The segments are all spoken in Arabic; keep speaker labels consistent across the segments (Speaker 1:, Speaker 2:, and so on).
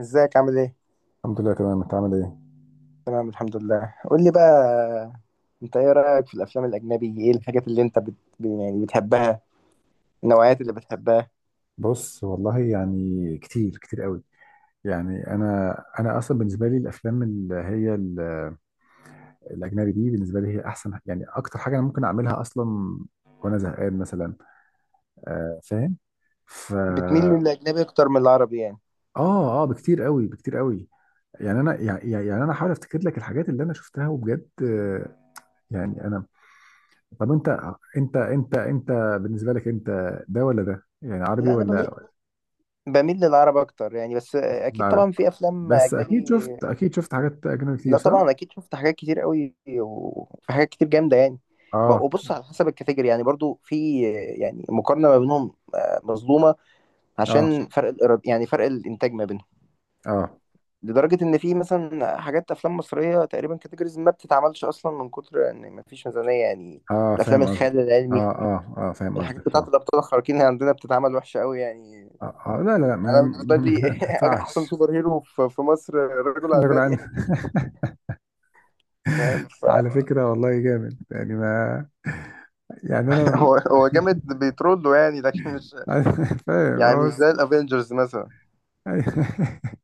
Speaker 1: ازيك عامل ايه؟
Speaker 2: الحمد لله، تمام. انت عامل ايه؟
Speaker 1: تمام الحمد لله، قول لي بقى، انت ايه رأيك في الافلام الاجنبي، ايه الحاجات اللي انت بت... يعني بتحبها، النوعيات اللي بتحبها؟
Speaker 2: بص، والله يعني كتير كتير قوي. يعني انا اصلا بالنسبه لي الافلام اللي هي الاجنبي دي بالنسبه لي هي احسن، يعني اكتر حاجه انا ممكن اعملها اصلا وانا زهقان مثلا. آه، فاهم. ف
Speaker 1: بتميل
Speaker 2: اه
Speaker 1: للاجنبي اكتر من العربي يعني؟
Speaker 2: اه، بكتير قوي بكتير قوي. يعني انا حاول افتكر لك الحاجات اللي انا شفتها وبجد. يعني انا طب، انت. انت انت انت بالنسبه لك انت، ده ولا ده؟ يعني عربي
Speaker 1: لا، انا بميل،
Speaker 2: ولا؟
Speaker 1: بميل للعرب اكتر يعني، بس اكيد طبعا في افلام
Speaker 2: بس فاهم،
Speaker 1: اجنبي.
Speaker 2: اكيد شفت حاجات اجنبي كتير،
Speaker 1: لا
Speaker 2: صح؟
Speaker 1: طبعا، اكيد شفت حاجات كتير قوي وفي حاجات كتير جامدة يعني.
Speaker 2: اه،
Speaker 1: وبص، على حسب الكاتيجوري يعني، برضو في يعني مقارنة ما بينهم مظلومة،
Speaker 2: اه
Speaker 1: عشان فرق الإيراد يعني، فرق الإنتاج ما بينهم.
Speaker 2: اه
Speaker 1: لدرجة إن في مثلا حاجات أفلام مصرية تقريبا كاتيجوريز ما بتتعملش أصلا، من كتر إن مفيش ميزانية يعني.
Speaker 2: اه
Speaker 1: الأفلام
Speaker 2: فاهم قصدك.
Speaker 1: الخيال العلمي،
Speaker 2: اه، فاهم
Speaker 1: الحاجات
Speaker 2: قصدك
Speaker 1: بتاعة
Speaker 2: طبعا.
Speaker 1: الأبطال الخارقين اللي عندنا بتتعمل وحشة أوي يعني.
Speaker 2: آه، آه، لا، لا، لا، ما
Speaker 1: أنا
Speaker 2: ما
Speaker 1: بالنسبة لي
Speaker 2: ما ينفعش.
Speaker 1: أحسن سوبر هيرو في مصر رجل على
Speaker 2: رجل
Speaker 1: النبي
Speaker 2: عن.
Speaker 1: يعني، فاهم؟
Speaker 2: على فكرة والله جامد يعني، ما.
Speaker 1: فهو
Speaker 2: يعني انا
Speaker 1: هو جامد بيترول له يعني، لكن مش،
Speaker 2: فاهم،
Speaker 1: يعني مش
Speaker 2: هو بس.
Speaker 1: زي الأفينجرز مثلا.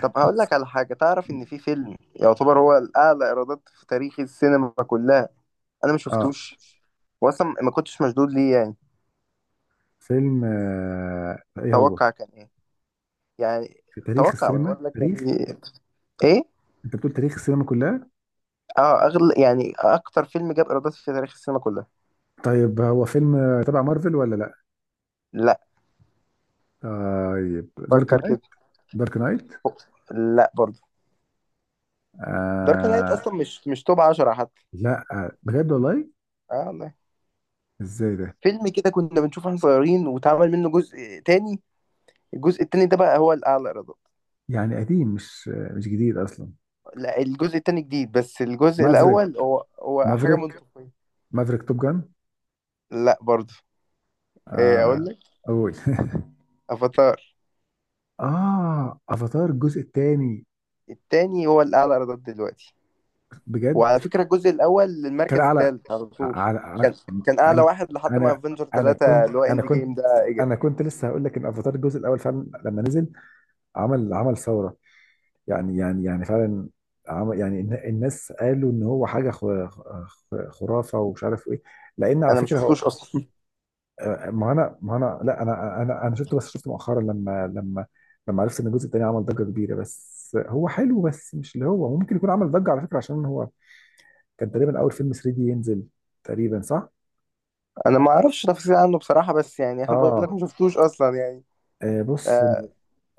Speaker 1: طب هقول لك على حاجة، تعرف إن في فيلم يعتبر هو الأعلى إيرادات في تاريخ السينما كلها؟ أنا ما
Speaker 2: اه،
Speaker 1: شفتوش، وأصلا ما كنتش مشدود ليه يعني.
Speaker 2: فيلم ايه هو؟
Speaker 1: توقع كان إيه يعني؟
Speaker 2: في تاريخ
Speaker 1: توقع، ما أنا
Speaker 2: السينما،
Speaker 1: بقول لك
Speaker 2: تاريخ؟
Speaker 1: يعني. ايه؟
Speaker 2: انت بتقول تاريخ السينما كلها؟
Speaker 1: اه، اغلى يعني اكتر فيلم جاب ايرادات في تاريخ السينما كلها.
Speaker 2: طيب هو فيلم تبع مارفل ولا لا؟
Speaker 1: لا.
Speaker 2: طيب، دارك
Speaker 1: فكر
Speaker 2: نايت؟
Speaker 1: كده.
Speaker 2: دارك نايت.
Speaker 1: لا برضه. دارك نايت
Speaker 2: آه
Speaker 1: اصلا مش توب 10 حتى.
Speaker 2: لا، بجد والله.
Speaker 1: اه والله.
Speaker 2: ازاي ده؟
Speaker 1: فيلم كده كنا بنشوفه واحنا صغيرين، واتعمل منه جزء تاني، الجزء التاني ده بقى هو الاعلى ايرادات.
Speaker 2: يعني قديم، مش جديد اصلا.
Speaker 1: لا، الجزء التاني جديد، بس الجزء
Speaker 2: مافريك.
Speaker 1: الاول هو حاجه
Speaker 2: مافريك.
Speaker 1: منطقيه.
Speaker 2: مافريك توب جان. مم.
Speaker 1: لا برضه. ايه اقول
Speaker 2: آه.
Speaker 1: لك،
Speaker 2: اول
Speaker 1: افاتار.
Speaker 2: اه، افاتار الجزء الثاني؟
Speaker 1: التاني هو الاعلى ايرادات دلوقتي.
Speaker 2: بجد؟
Speaker 1: وعلى فكرة الجزء الأول
Speaker 2: كان
Speaker 1: للمركز
Speaker 2: على...
Speaker 1: الثالث على طول.
Speaker 2: على
Speaker 1: كان،
Speaker 2: على-
Speaker 1: كان أعلى
Speaker 2: انا
Speaker 1: واحد لحد ما
Speaker 2: انا
Speaker 1: افنجر
Speaker 2: انا
Speaker 1: 3
Speaker 2: كنت
Speaker 1: اللي هو
Speaker 2: انا
Speaker 1: إند جيم
Speaker 2: كنت
Speaker 1: ده إجا.
Speaker 2: انا كنت لسه هقول لك ان افاتار الجزء الاول فعلا لما نزل، عمل ثوره. يعني فعلا، عمل يعني، الناس قالوا ان هو حاجه خرافه ومش عارف ايه، لان على
Speaker 1: أنا ما
Speaker 2: فكره هو...
Speaker 1: شفتوش أصلا.
Speaker 2: آه، ما انا ما انا لا انا شفته، بس شفته مؤخرا لما عرفت ان الجزء الثاني عمل ضجه كبيره، بس هو حلو، بس مش اللي هو ممكن يكون عمل ضجه على فكره، عشان هو كان تقريبا اول فيلم 3D ينزل. تقريبا، صح؟
Speaker 1: أنا ما أعرفش تفاصيل عنه بصراحة، بس يعني أنا بقول لك
Speaker 2: اه،
Speaker 1: ما شفتوش أصلا يعني.
Speaker 2: بص.
Speaker 1: آه،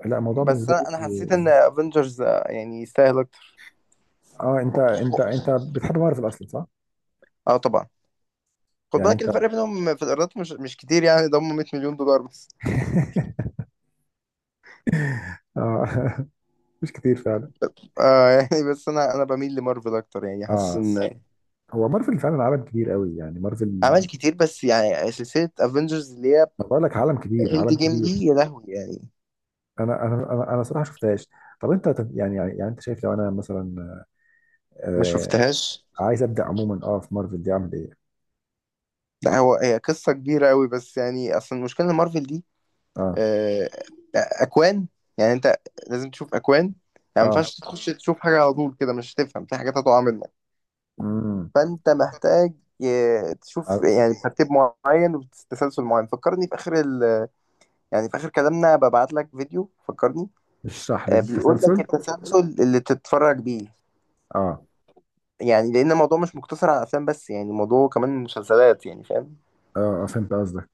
Speaker 2: لا، الموضوع
Speaker 1: بس
Speaker 2: بالنسبه لي...
Speaker 1: أنا حسيت إن افنجرز يعني يستاهل أكتر.
Speaker 2: اه، انت بتحب مارفل اصلا، صح؟
Speaker 1: أه طبعا. خد
Speaker 2: يعني
Speaker 1: بالك
Speaker 2: انت
Speaker 1: الفرق بينهم في الإيرادات مش كتير يعني، ده هم 100 مليون دولار بس.
Speaker 2: اه، مش كتير فعلا.
Speaker 1: آه يعني بس أنا بميل لمارفل أكتر يعني، حاسس
Speaker 2: اه،
Speaker 1: إن
Speaker 2: هو مارفل فعلا عالم كبير قوي، يعني مارفل.
Speaker 1: عمل كتير، بس يعني سلسلة افنجرز اللي هي
Speaker 2: ما بقول لك، عالم كبير
Speaker 1: اند
Speaker 2: عالم
Speaker 1: جيم
Speaker 2: كبير.
Speaker 1: دي، يا لهوي يعني،
Speaker 2: انا صراحه شفتهاش. طب انت يعني، انت شايف لو انا مثلا،
Speaker 1: ما
Speaker 2: آه
Speaker 1: شفتهاش.
Speaker 2: عايز ابدا عموما، في مارفل دي اعمل ايه؟
Speaker 1: لا، هو هي قصة كبيرة قوي، بس يعني اصلا المشكلة ان مارفل دي
Speaker 2: اه،
Speaker 1: آه، اكوان يعني، انت لازم تشوف اكوان يعني، ما
Speaker 2: اه،
Speaker 1: ينفعش تخش تشوف حاجة على طول كده، مش هتفهم، في حاجات هتقع منك.
Speaker 2: امم
Speaker 1: فانت محتاج تشوف يعني ترتيب معين وتسلسل معين. فكرني في اخر يعني في اخر كلامنا ببعت لك فيديو، فكرني.
Speaker 2: اشرح لي
Speaker 1: بيقول لك
Speaker 2: التسلسل.
Speaker 1: التسلسل اللي تتفرج بيه،
Speaker 2: اه،
Speaker 1: يعني لان الموضوع مش مقتصر على افلام بس يعني، الموضوع كمان مسلسلات يعني، فاهم؟
Speaker 2: اه. فهمت قصدك.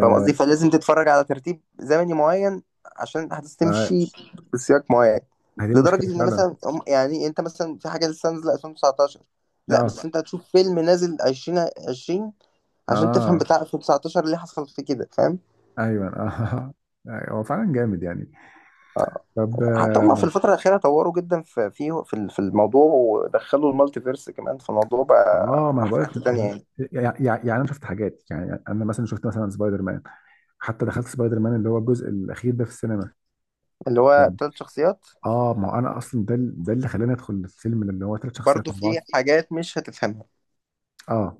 Speaker 1: فاهم قصدي، فلازم تتفرج على ترتيب زمني معين عشان الاحداث
Speaker 2: ما
Speaker 1: تمشي بسياق معين.
Speaker 2: ما هي دي
Speaker 1: لدرجه
Speaker 2: مشكله
Speaker 1: ان
Speaker 2: فعلا.
Speaker 1: مثلا يعني انت مثلا في حاجه لسه نازله 2019، لا
Speaker 2: اه،
Speaker 1: بس انت هتشوف فيلم نازل 2020 عشان
Speaker 2: اه،
Speaker 1: تفهم بتاع 2019 اللي حصل فيه كده، فاهم؟
Speaker 2: ايوه، اه، أيوة، هو فعلا جامد يعني. طب،
Speaker 1: حتى هم في الفتره الاخيره طوروا جدا في في الموضوع، ودخلوا المالتي فيرس كمان في الموضوع،
Speaker 2: اه،
Speaker 1: بقى
Speaker 2: ما انا
Speaker 1: راح في
Speaker 2: بقول لك
Speaker 1: حته تانية يعني.
Speaker 2: يعني. يعني انا شفت حاجات، يعني انا مثلا شفت مثلا سبايدر مان. حتى دخلت سبايدر مان اللي هو الجزء الاخير ده في السينما.
Speaker 1: اللي هو تلات شخصيات.
Speaker 2: اه، ما انا اصلا ده اللي خلاني ادخل الفيلم اللي هو 3 شخصيات
Speaker 1: برضو
Speaker 2: مع
Speaker 1: في
Speaker 2: بعض.
Speaker 1: حاجات مش هتفهمها
Speaker 2: اه،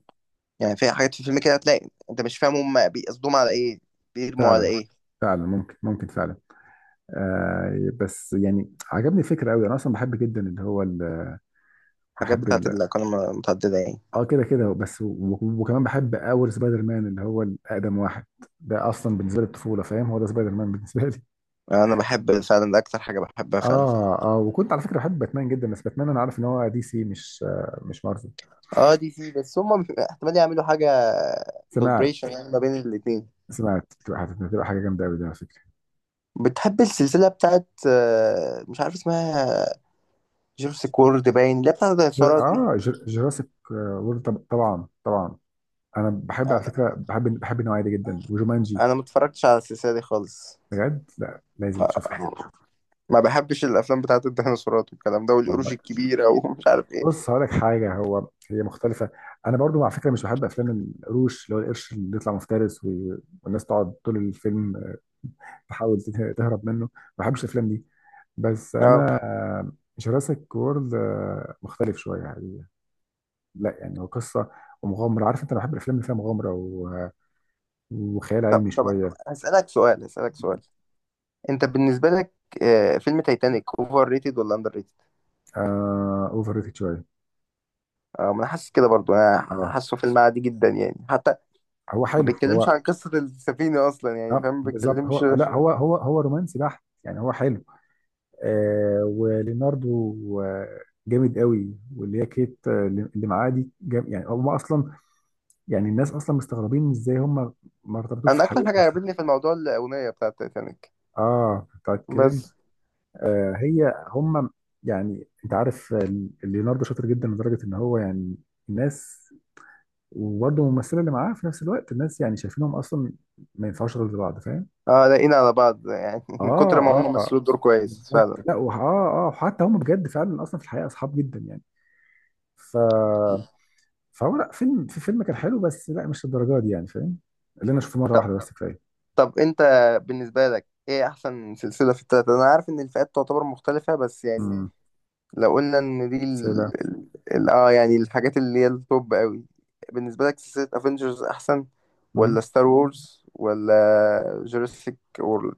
Speaker 1: يعني، في حاجات في الفيلم كده هتلاقي انت مش فاهم هم بيقصدوهم على ايه، بيرموا على
Speaker 2: فعلا.
Speaker 1: ايه.
Speaker 2: فعلا، ممكن فعلا. بس يعني عجبني الفكره قوي، انا اصلا بحب جدا اللي هو
Speaker 1: الحاجات
Speaker 2: بحب
Speaker 1: بتاعت
Speaker 2: ال-
Speaker 1: الأقاليم المتعددة يعني.
Speaker 2: اه، كده كده بس، وكمان بحب اول سبايدر مان اللي هو الاقدم واحد. ده اصلا بالنسبه لي الطفوله، فاهم؟ هو ده سبايدر مان بالنسبه لي.
Speaker 1: يعني انا بحب فعلا، ده اكتر حاجة بحبها فعلا.
Speaker 2: اه، اه، وكنت على فكره بحب باتمان جدا، بس باتمان انا عارف ان هو دي سي، مش مارفل.
Speaker 1: اه دي سي، بس هم احتمال يعملوا حاجة
Speaker 2: سمعت
Speaker 1: كولابريشن يعني ما بين الاتنين.
Speaker 2: سمعت هتبقى حاجه جامده قوي ده على فكره.
Speaker 1: بتحب السلسلة بتاعت مش عارف اسمها، جيرس كورد باين، اللي هي بتاعت الديناصورات دي؟
Speaker 2: اه، جوراسيك وورلد. طبعا، طبعا. انا بحب، على
Speaker 1: انا
Speaker 2: فكره، بحب النوعيه دي جدا، وجومانجي.
Speaker 1: انا ما اتفرجتش على السلسلة دي خالص،
Speaker 2: بجد، لا لازم تشوفها.
Speaker 1: ما بحبش الافلام بتاعت الديناصورات والكلام ده
Speaker 2: والله.
Speaker 1: والقروش الكبيرة ومش عارف ايه.
Speaker 2: بص هقول لك حاجه، هو هي مختلفه. انا برضو على فكره مش بحب افلام القروش، اللي هو القرش اللي يطلع مفترس، والناس تقعد طول الفيلم، تحاول تهرب منه. ما بحبش الافلام دي. بس
Speaker 1: اه.
Speaker 2: انا، جوراسيك وورلد مختلف شويه يعني. لا يعني، هو قصه ومغامره، عارف انت؟ انا بحب الافلام اللي فيها مغامره، وخيال
Speaker 1: طب
Speaker 2: علمي
Speaker 1: طب
Speaker 2: شويه.
Speaker 1: هسألك سؤال، انت بالنسبه لك فيلم تايتانيك اوفر ريتد ولا اندر ريتد؟
Speaker 2: اوفر ريتد شويه.
Speaker 1: اه، ما انا حاسس كده برضو، انا
Speaker 2: اه،
Speaker 1: حاسه فيلم عادي جدا يعني، حتى
Speaker 2: هو
Speaker 1: ما
Speaker 2: حلو هو.
Speaker 1: بيتكلمش عن قصه السفينه اصلا يعني،
Speaker 2: اه،
Speaker 1: فاهم؟ ما
Speaker 2: بالظبط،
Speaker 1: بيتكلمش.
Speaker 2: هو لا، هو رومانسي بحت، يعني هو حلو. وليوناردو جامد قوي، واللي هي كيت اللي معاه دي جام. يعني هم اصلا، يعني الناس اصلا مستغربين ازاي هم ما ارتبطوش في
Speaker 1: انا اكتر
Speaker 2: الحقيقه
Speaker 1: حاجه عجبتني
Speaker 2: اصلا.
Speaker 1: في الموضوع الاغنيه بتاعه تايتانيك
Speaker 2: اه، بتاعت كلين.
Speaker 1: بس.
Speaker 2: هي هم. يعني انت عارف، ليوناردو شاطر جدا لدرجه ان هو يعني، الناس... وبرضه الممثله اللي معاه في نفس الوقت، الناس يعني شايفينهم اصلا ما ينفعوش غير لبعض. فاهم؟
Speaker 1: اه، لاقينا على بعض يعني من
Speaker 2: اه،
Speaker 1: كتر ما هم
Speaker 2: اه،
Speaker 1: مثلوا الدور كويس
Speaker 2: بالظبط،
Speaker 1: فعلا.
Speaker 2: لا، وحتى هم بجد فعلا اصلا في الحقيقه اصحاب جدا يعني. ف فهو لا، فيلم كان حلو، بس لا مش للدرجه دي يعني، فاهم؟ اللي انا اشوفه مره
Speaker 1: طب
Speaker 2: واحده بس كفايه.
Speaker 1: طب انت بالنسبه لك ايه احسن سلسله في التلاته؟ انا عارف ان الفئات تعتبر مختلفه بس يعني،
Speaker 2: امم
Speaker 1: لو قلنا ان دي
Speaker 2: سلسله.
Speaker 1: اه يعني الحاجات اللي هي التوب قوي. بالنسبة لك سلسلة افنجرز احسن ولا
Speaker 2: امم
Speaker 1: ستار وورز ولا جوراسيك وورلد؟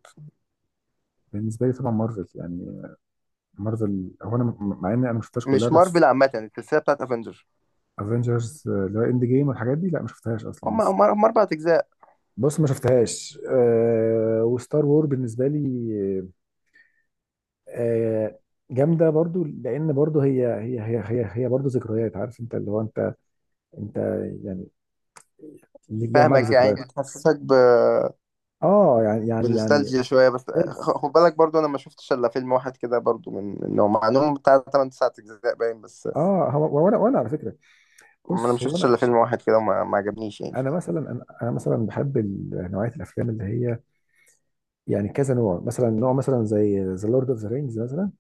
Speaker 2: بالنسبه لي طبعا مارفل، يعني مارفل هو، انا مع اني انا ما شفتهاش كلها،
Speaker 1: مش
Speaker 2: بس
Speaker 1: مارفل عامة، السلسلة بتاعت افنجر،
Speaker 2: افنجرز اللي هو اند جيم والحاجات دي، لا، ما شفتهاش اصلا
Speaker 1: هم
Speaker 2: لسه.
Speaker 1: هم هم اربع اجزاء.
Speaker 2: بص، ما شفتهاش. وستار وور بالنسبه لي، آه، جامده برضو، لان برضو هي برضو ذكريات، عارف انت، اللي هو انت يعني اللي ليها معاك
Speaker 1: فاهمك، يعني
Speaker 2: ذكريات.
Speaker 1: بتحسسك
Speaker 2: اه، يعني.
Speaker 1: بنوستالجيا شوية، بس خد بالك برضو انا ما شفتش الا فيلم واحد كده، برضو من انه، مع انهم بتاع 8 9 اجزاء باين، بس
Speaker 2: اه، هو، وانا على فكره،
Speaker 1: انا ما
Speaker 2: بص هو
Speaker 1: شفتش
Speaker 2: انا
Speaker 1: الا فيلم واحد كده وما ما عجبنيش يعني.
Speaker 2: انا مثلا انا أنا مثلا بحب نوعيه الافلام اللي هي، يعني كذا نوع، مثلا نوع، مثلا زي ذا لورد اوف ذا رينجز مثلا.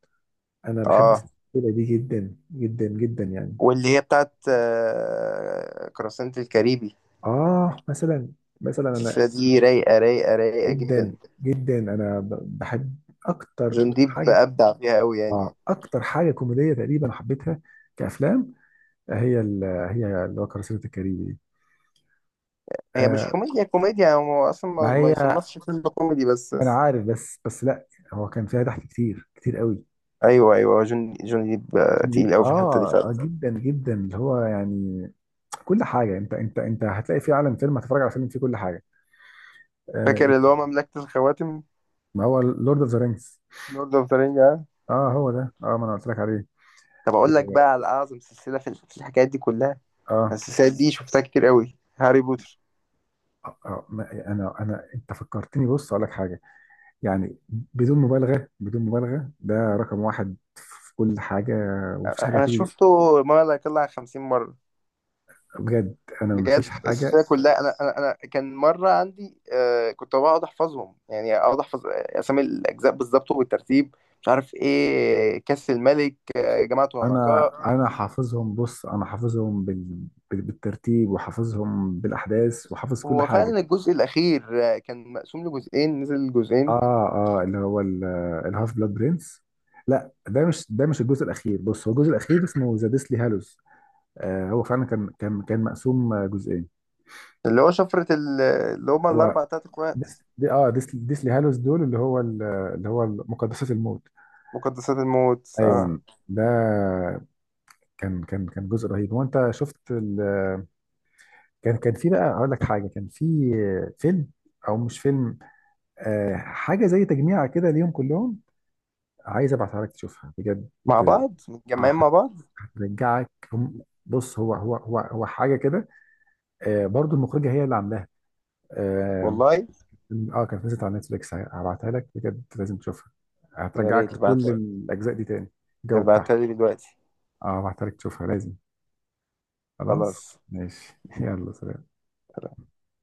Speaker 2: انا بحب
Speaker 1: اه.
Speaker 2: السلسله دي جدا جدا جدا يعني.
Speaker 1: واللي هي بتاعت قراصنة الكاريبي،
Speaker 2: اه، مثلا، مثلا انا.
Speaker 1: السلسلة دي رايقة رايقة رايقة جدا.
Speaker 2: جدا جدا، انا بحب اكتر
Speaker 1: جون ديب
Speaker 2: حاجه.
Speaker 1: أبدع فيها أوي يعني.
Speaker 2: اه، اكتر حاجه كوميديه تقريبا حبيتها كافلام، هي هي اللي هو كراسي الكاريبي دي.
Speaker 1: هي مش
Speaker 2: آه
Speaker 1: كوميديا كوميديا، هو أصلا
Speaker 2: مع،
Speaker 1: ما
Speaker 2: هي
Speaker 1: يصنفش فيلم كوميدي، بس
Speaker 2: انا عارف، بس لا، هو كان فيها ضحك كتير كتير قوي.
Speaker 1: أيوه أيوه هو جون ديب تقيل أوي في الحتة دي
Speaker 2: اه،
Speaker 1: فعلا.
Speaker 2: جدا جدا، اللي هو يعني كل حاجه، انت هتلاقي في عالم فيلم، هتتفرج على فيلم فيه كل حاجه. آه
Speaker 1: فاكر اللي هو مملكة الخواتم؟
Speaker 2: ما هو لورد اوف ذا رينجز.
Speaker 1: لورد أوف ذا رينج آه؟
Speaker 2: اه، هو ده، ما انا قلت لك عليه.
Speaker 1: طب أقول لك
Speaker 2: و...
Speaker 1: بقى على أعظم سلسلة في الحكايات دي كلها،
Speaker 2: اه،
Speaker 1: السلسلة دي شفتها كتير أوي، هاري بوتر.
Speaker 2: ما- انا انا انت فكرتني، بص اقول لك حاجه، يعني بدون مبالغه بدون مبالغه، ده رقم واحد في كل حاجه، ومفيش حاجه
Speaker 1: أنا
Speaker 2: هتيجي.
Speaker 1: شفته ما لا يقل عن 50 مرة.
Speaker 2: بجد. انا،
Speaker 1: بجد
Speaker 2: مفيش حاجه.
Speaker 1: السلسله كلها، انا كان مره عندي آه كنت بقعد احفظهم يعني، اقعد احفظ اسامي الاجزاء بالظبط وبالترتيب، مش عارف ايه كاس الملك، آه جماعه
Speaker 2: انا
Speaker 1: العنقاء.
Speaker 2: انا حافظهم، بص انا حافظهم بالترتيب، وحافظهم بالاحداث، وحافظ كل
Speaker 1: هو
Speaker 2: حاجه.
Speaker 1: فعلا الجزء الاخير آه كان مقسوم لجزئين، نزل جزئين.
Speaker 2: اه، اه، اللي هو الهاف بلاد برنس. لا، ده مش الجزء الاخير، بص هو الجزء الاخير اسمه ذا ديسلي هالوز. هو فعلا كان مقسوم جزئين.
Speaker 1: اللي هو شفره اللي هما
Speaker 2: هو
Speaker 1: الاربع تلات اخوات،
Speaker 2: ديسلي هالوز دول، اللي هو مقدسات الموت.
Speaker 1: مقدسات الموت، اه،
Speaker 2: ايوه. ده كان جزء رهيب. هو انت شفت كان كان في، بقى اقول لك حاجه، كان في فيلم، او مش فيلم، حاجه زي تجميعه كده ليهم كلهم. عايز ابعتها لك تشوفها، بجد.
Speaker 1: مع بعض
Speaker 2: آه،
Speaker 1: متجمعين
Speaker 2: هت-
Speaker 1: مع بعض.
Speaker 2: هترجعك. بص، هو حاجه كده. برضو المخرجه هي اللي عاملاها. اه.
Speaker 1: والله
Speaker 2: كانت نزلت على نتفليكس، هبعتها لك بجد، لازم تشوفها.
Speaker 1: يا
Speaker 2: هترجعك
Speaker 1: ريت تبعت،
Speaker 2: لكل الاجزاء دي تاني، الجو بتاعها.
Speaker 1: تبعتها لي دلوقتي.
Speaker 2: اه، هبعتها لك تشوفها لازم. خلاص،
Speaker 1: خلاص.
Speaker 2: ماشي. يلا، سلام.